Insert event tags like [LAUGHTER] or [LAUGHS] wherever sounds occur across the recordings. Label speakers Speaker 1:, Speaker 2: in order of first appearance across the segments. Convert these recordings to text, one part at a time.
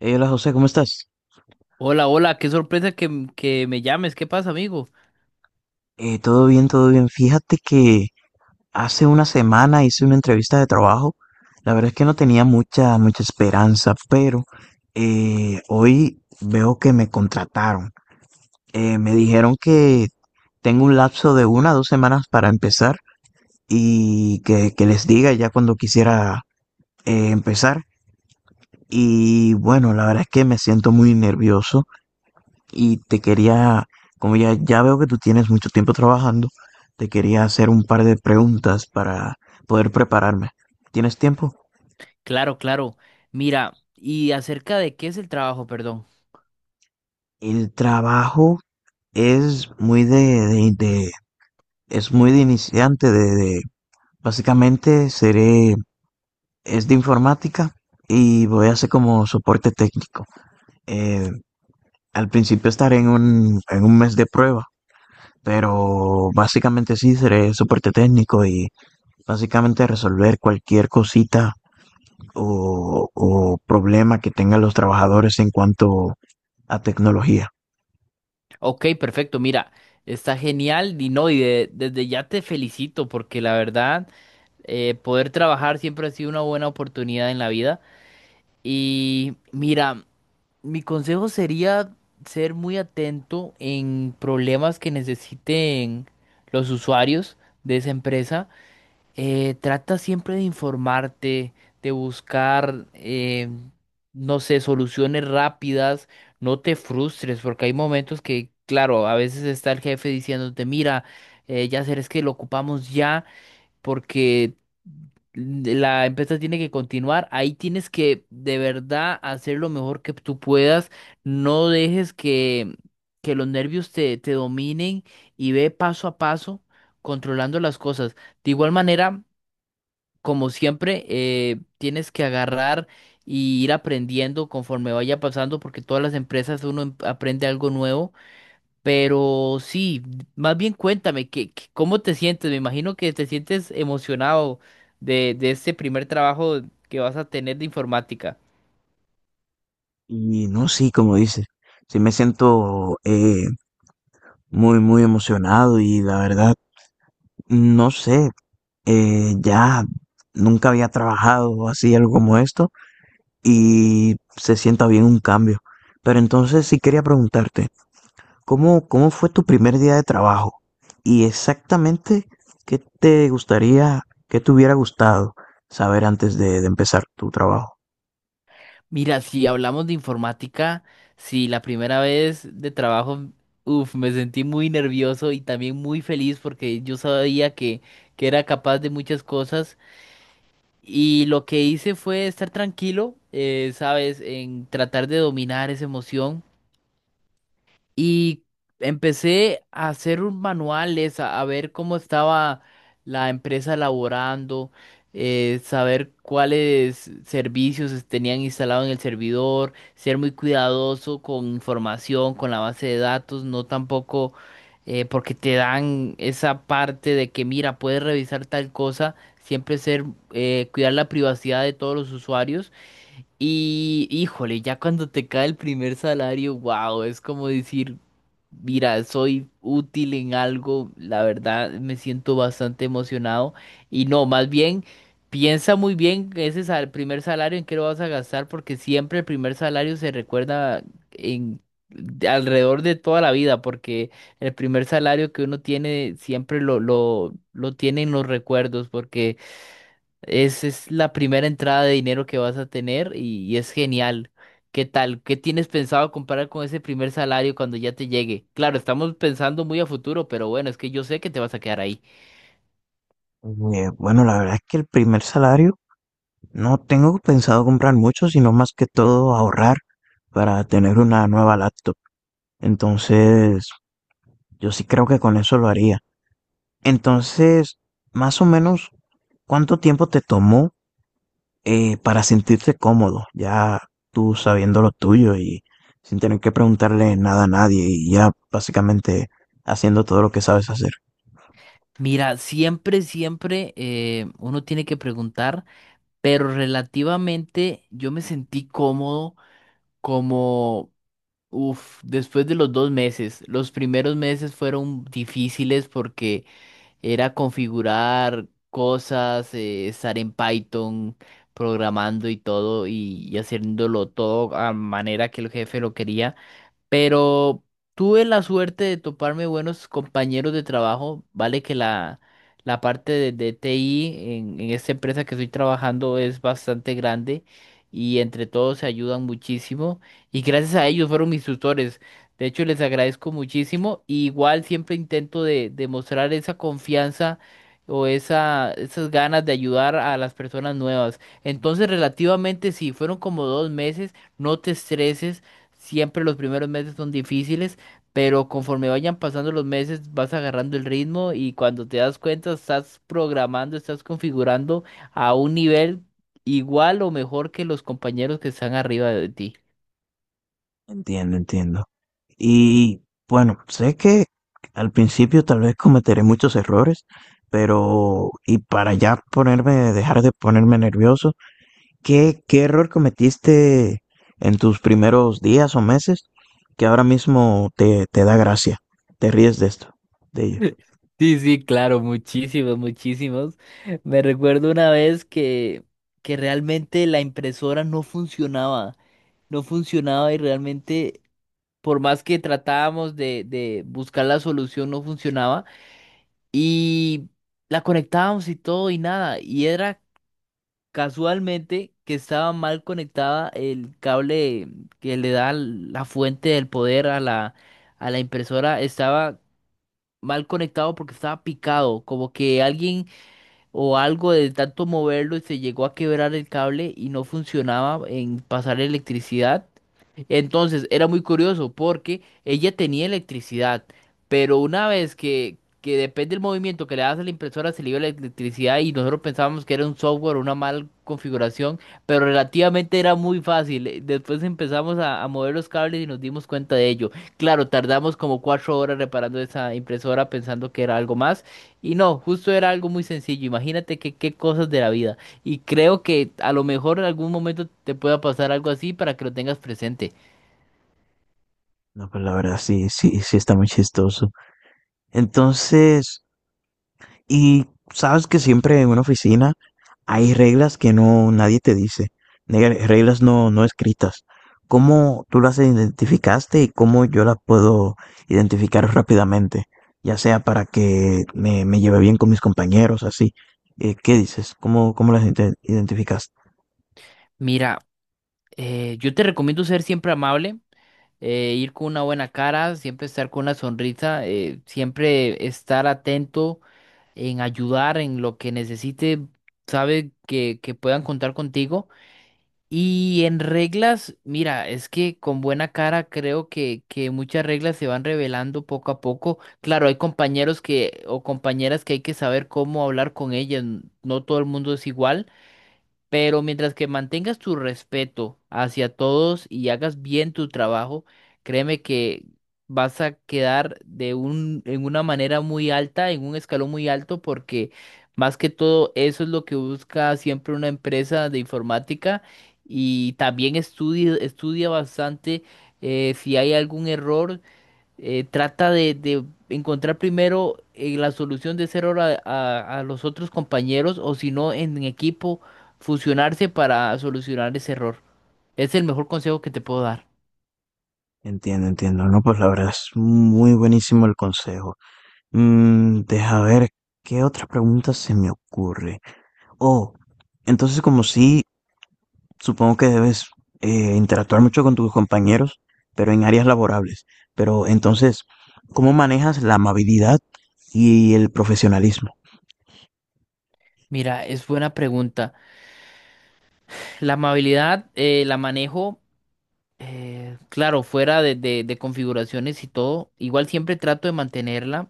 Speaker 1: Hola José, ¿cómo estás?
Speaker 2: Hola, hola, qué sorpresa que me llames. ¿Qué pasa, amigo?
Speaker 1: Todo bien, todo bien. Fíjate que hace una semana hice una entrevista de trabajo. La verdad es que no tenía mucha, mucha esperanza, pero hoy veo que me contrataron. Me dijeron que tengo un lapso de 1 a 2 semanas para empezar y que les diga ya cuando quisiera empezar. Y bueno, la verdad es que me siento muy nervioso. Y te quería, como ya veo que tú tienes mucho tiempo trabajando, te quería hacer un par de preguntas para poder prepararme. ¿Tienes tiempo?
Speaker 2: Claro, claro. Mira, ¿y acerca de qué es el trabajo, perdón?
Speaker 1: El trabajo es muy de- es muy de iniciante, básicamente seré, es de informática y voy a hacer como soporte técnico. Eh, al principio estaré en en un mes de prueba, pero básicamente sí seré soporte técnico y básicamente resolver cualquier cosita o problema que tengan los trabajadores en cuanto a tecnología.
Speaker 2: Ok, perfecto, mira, está genial y no, desde ya te felicito porque la verdad, poder trabajar siempre ha sido una buena oportunidad en la vida. Y mira, mi consejo sería ser muy atento en problemas que necesiten los usuarios de esa empresa, trata siempre de informarte, de buscar, no sé, soluciones rápidas, no te frustres, porque hay momentos que, claro, a veces está el jefe diciéndote, mira, ya será es que lo ocupamos ya, porque la empresa tiene que continuar, ahí tienes que de verdad hacer lo mejor que tú puedas, no dejes que los nervios te dominen y ve paso a paso controlando las cosas. De igual manera, como siempre, tienes que agarrar y ir aprendiendo conforme vaya pasando, porque todas las empresas aprende algo nuevo. Pero sí, más bien cuéntame, cómo te sientes? Me imagino que te sientes emocionado de este primer trabajo que vas a tener de informática.
Speaker 1: Y no, sí, como dices, sí me siento muy, muy emocionado y la verdad, no sé, ya nunca había trabajado así algo como esto y se sienta bien un cambio. Pero entonces sí quería preguntarte, ¿Cómo fue tu primer día de trabajo? Y exactamente qué te gustaría, qué te hubiera gustado saber antes de empezar tu trabajo.
Speaker 2: Mira, si hablamos de informática, sí, la primera vez de trabajo, uff, me sentí muy nervioso y también muy feliz porque yo sabía que era capaz de muchas cosas. Y lo que hice fue estar tranquilo, ¿sabes? En tratar de dominar esa emoción. Y empecé a hacer un manuales, a ver cómo estaba la empresa elaborando, saber cuáles tenían instalado en el servidor, ser muy cuidadoso con información, con la base de datos, no tampoco, porque te dan esa parte de que mira, puedes revisar tal cosa, siempre ser, cuidar la privacidad de todos los usuarios. Y híjole, ya cuando te cae el primer salario, wow, es como decir, mira, soy útil en algo, la verdad me siento bastante emocionado. Y no, más bien, piensa muy bien ese primer salario en qué lo vas a gastar, porque siempre el primer salario se recuerda en de alrededor de toda la vida, porque el primer salario que uno tiene siempre lo tiene en los recuerdos, porque es la primera entrada de dinero que vas a tener y es genial. ¿Qué tal? ¿Qué tienes pensado comparar con ese primer salario cuando ya te llegue? Claro, estamos pensando muy a futuro, pero bueno, es que yo sé que te vas a quedar ahí.
Speaker 1: Bueno, la verdad es que el primer salario no tengo pensado comprar mucho, sino más que todo ahorrar para tener una nueva laptop. Entonces, yo sí creo que con eso lo haría. Entonces, más o menos, ¿cuánto tiempo te tomó para sentirse cómodo, ya tú sabiendo lo tuyo y sin tener que preguntarle nada a nadie y ya básicamente haciendo todo lo que sabes hacer?
Speaker 2: Mira, siempre uno tiene que preguntar, pero relativamente yo me sentí cómodo como, uff, después de los 2 meses. Los primeros meses fueron difíciles porque era configurar cosas, estar en Python, programando y todo, y haciéndolo todo a manera que el jefe lo quería. Pero tuve la suerte de toparme buenos compañeros de trabajo. Vale que la parte de TI en esta empresa que estoy trabajando es bastante grande y entre todos se ayudan muchísimo. Y gracias a ellos fueron mis tutores. De hecho, les agradezco muchísimo. Y igual siempre intento de, demostrar esa confianza o esas ganas de ayudar a las personas nuevas. Entonces, relativamente sí, fueron como 2 meses. No te estreses. Siempre los primeros meses son difíciles, pero conforme vayan pasando los meses vas agarrando el ritmo y cuando te das cuenta estás programando, estás configurando a un nivel igual o mejor que los compañeros que están arriba de ti.
Speaker 1: Entiendo, entiendo. Y bueno, sé que al principio tal vez cometeré muchos errores, pero y para ya ponerme, dejar de ponerme nervioso, ¿Qué error cometiste en tus primeros días o meses que ahora mismo te da gracia? Te ríes de esto, de ello.
Speaker 2: [LAUGHS] Sí, sí, claro, muchísimos, muchísimos. Me recuerdo una vez que realmente la impresora no funcionaba, no funcionaba y realmente por más que tratábamos de buscar la solución no funcionaba. Y la conectábamos y todo y nada. Y era casualmente que estaba mal conectada el cable que le da la fuente del poder a a la impresora. Estaba mal conectado porque estaba picado. Como que alguien o algo de tanto moverlo y se llegó a quebrar el cable y no funcionaba en pasar electricidad. Entonces era muy curioso porque ella tenía electricidad, pero una vez que depende del movimiento que le das a la impresora se le iba la electricidad y nosotros pensábamos que era un software, una mala configuración, pero relativamente era muy fácil. Después empezamos a mover los cables y nos dimos cuenta de ello. Claro, tardamos como 4 horas reparando esa impresora pensando que era algo más. Y no, justo era algo muy sencillo. Imagínate que qué cosas de la vida. Y creo que a lo mejor en algún momento te pueda pasar algo así para que lo tengas presente.
Speaker 1: No, pues la verdad sí, sí, sí está muy chistoso. Entonces, y sabes que siempre en una oficina hay reglas que no nadie te dice, reglas no escritas. ¿Cómo tú las identificaste y cómo yo las puedo identificar rápidamente? Ya sea para que me lleve bien con mis compañeros, así. ¿Qué dices? ¿Cómo las identificas?
Speaker 2: Mira, yo te recomiendo ser siempre amable, ir con una buena cara, siempre estar con una sonrisa, siempre estar atento en ayudar en lo que necesite, sabe que puedan contar contigo. Y en reglas, mira, es que con buena cara creo que muchas reglas se van revelando poco a poco. Claro, hay compañeros que o compañeras que hay que saber cómo hablar con ellas, no todo el mundo es igual. Pero mientras que mantengas tu respeto hacia todos y hagas bien tu trabajo, créeme que vas a quedar en una manera muy alta, en un escalón muy alto, porque más que todo eso es lo que busca siempre una empresa de informática y también estudia, estudia bastante, si hay algún error, trata de encontrar primero, la solución de ser hora a los otros compañeros o si no en equipo fusionarse para solucionar ese error. Es el mejor consejo que te puedo dar.
Speaker 1: Entiendo, entiendo. No, pues la verdad es muy buenísimo el consejo. Deja ver qué otra pregunta se me ocurre. Oh, entonces, como si supongo que debes interactuar mucho con tus compañeros, pero en áreas laborables. Pero entonces, ¿cómo manejas la amabilidad y el profesionalismo?
Speaker 2: Mira, es buena pregunta. La amabilidad, la manejo, claro, fuera de configuraciones y todo. Igual siempre trato de mantenerla,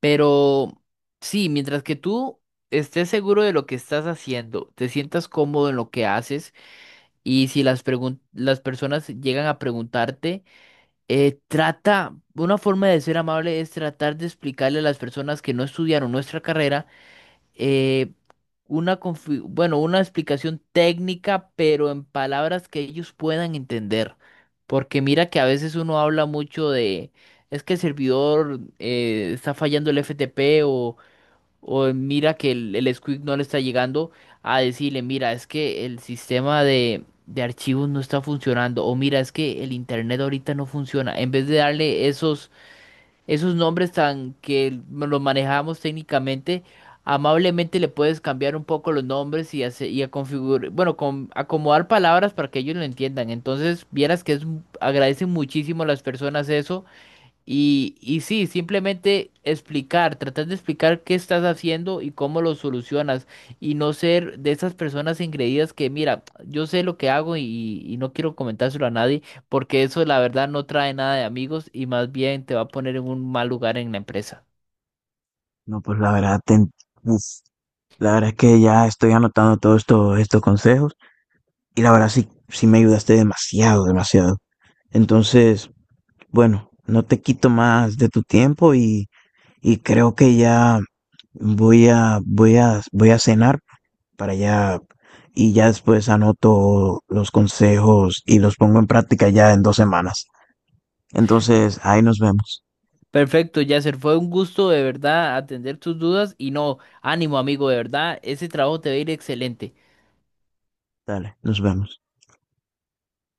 Speaker 2: pero sí, mientras que tú estés seguro de lo que estás haciendo, te sientas cómodo en lo que haces. Y si las personas llegan a preguntarte, trata, una forma de ser amable es tratar de explicarle a las personas que no estudiaron nuestra carrera, eh, una, bueno, una explicación técnica, pero en palabras que ellos puedan entender. Porque mira que a veces uno habla mucho de, es que el servidor está fallando el FTP o mira que el Squeak no le está llegando a decirle, mira, es que el sistema de archivos no está funcionando. O mira, es que el internet ahorita no funciona. En vez de darle esos nombres tan que los manejamos técnicamente, amablemente le puedes cambiar un poco los nombres y, y a configurar, bueno, con, acomodar palabras para que ellos lo entiendan. Entonces, vieras que es, agradecen muchísimo a las personas eso y sí, simplemente explicar, tratar de explicar qué estás haciendo y cómo lo solucionas y no ser de esas personas ingreídas que, mira, yo sé lo que hago y no quiero comentárselo a nadie porque eso la verdad no trae nada de amigos y más bien te va a poner en un mal lugar en la empresa.
Speaker 1: No, pues la verdad, uf, la verdad es que ya estoy anotando todos estos consejos y la verdad sí, sí me ayudaste demasiado, demasiado. Entonces, bueno, no te quito más de tu tiempo y creo que ya voy a cenar para allá y ya después anoto los consejos y los pongo en práctica ya en 2 semanas. Entonces, ahí nos vemos.
Speaker 2: Perfecto, Yasser, fue un gusto de verdad atender tus dudas y no, ánimo amigo, de verdad, ese trabajo te va a ir excelente.
Speaker 1: Dale, nos vemos.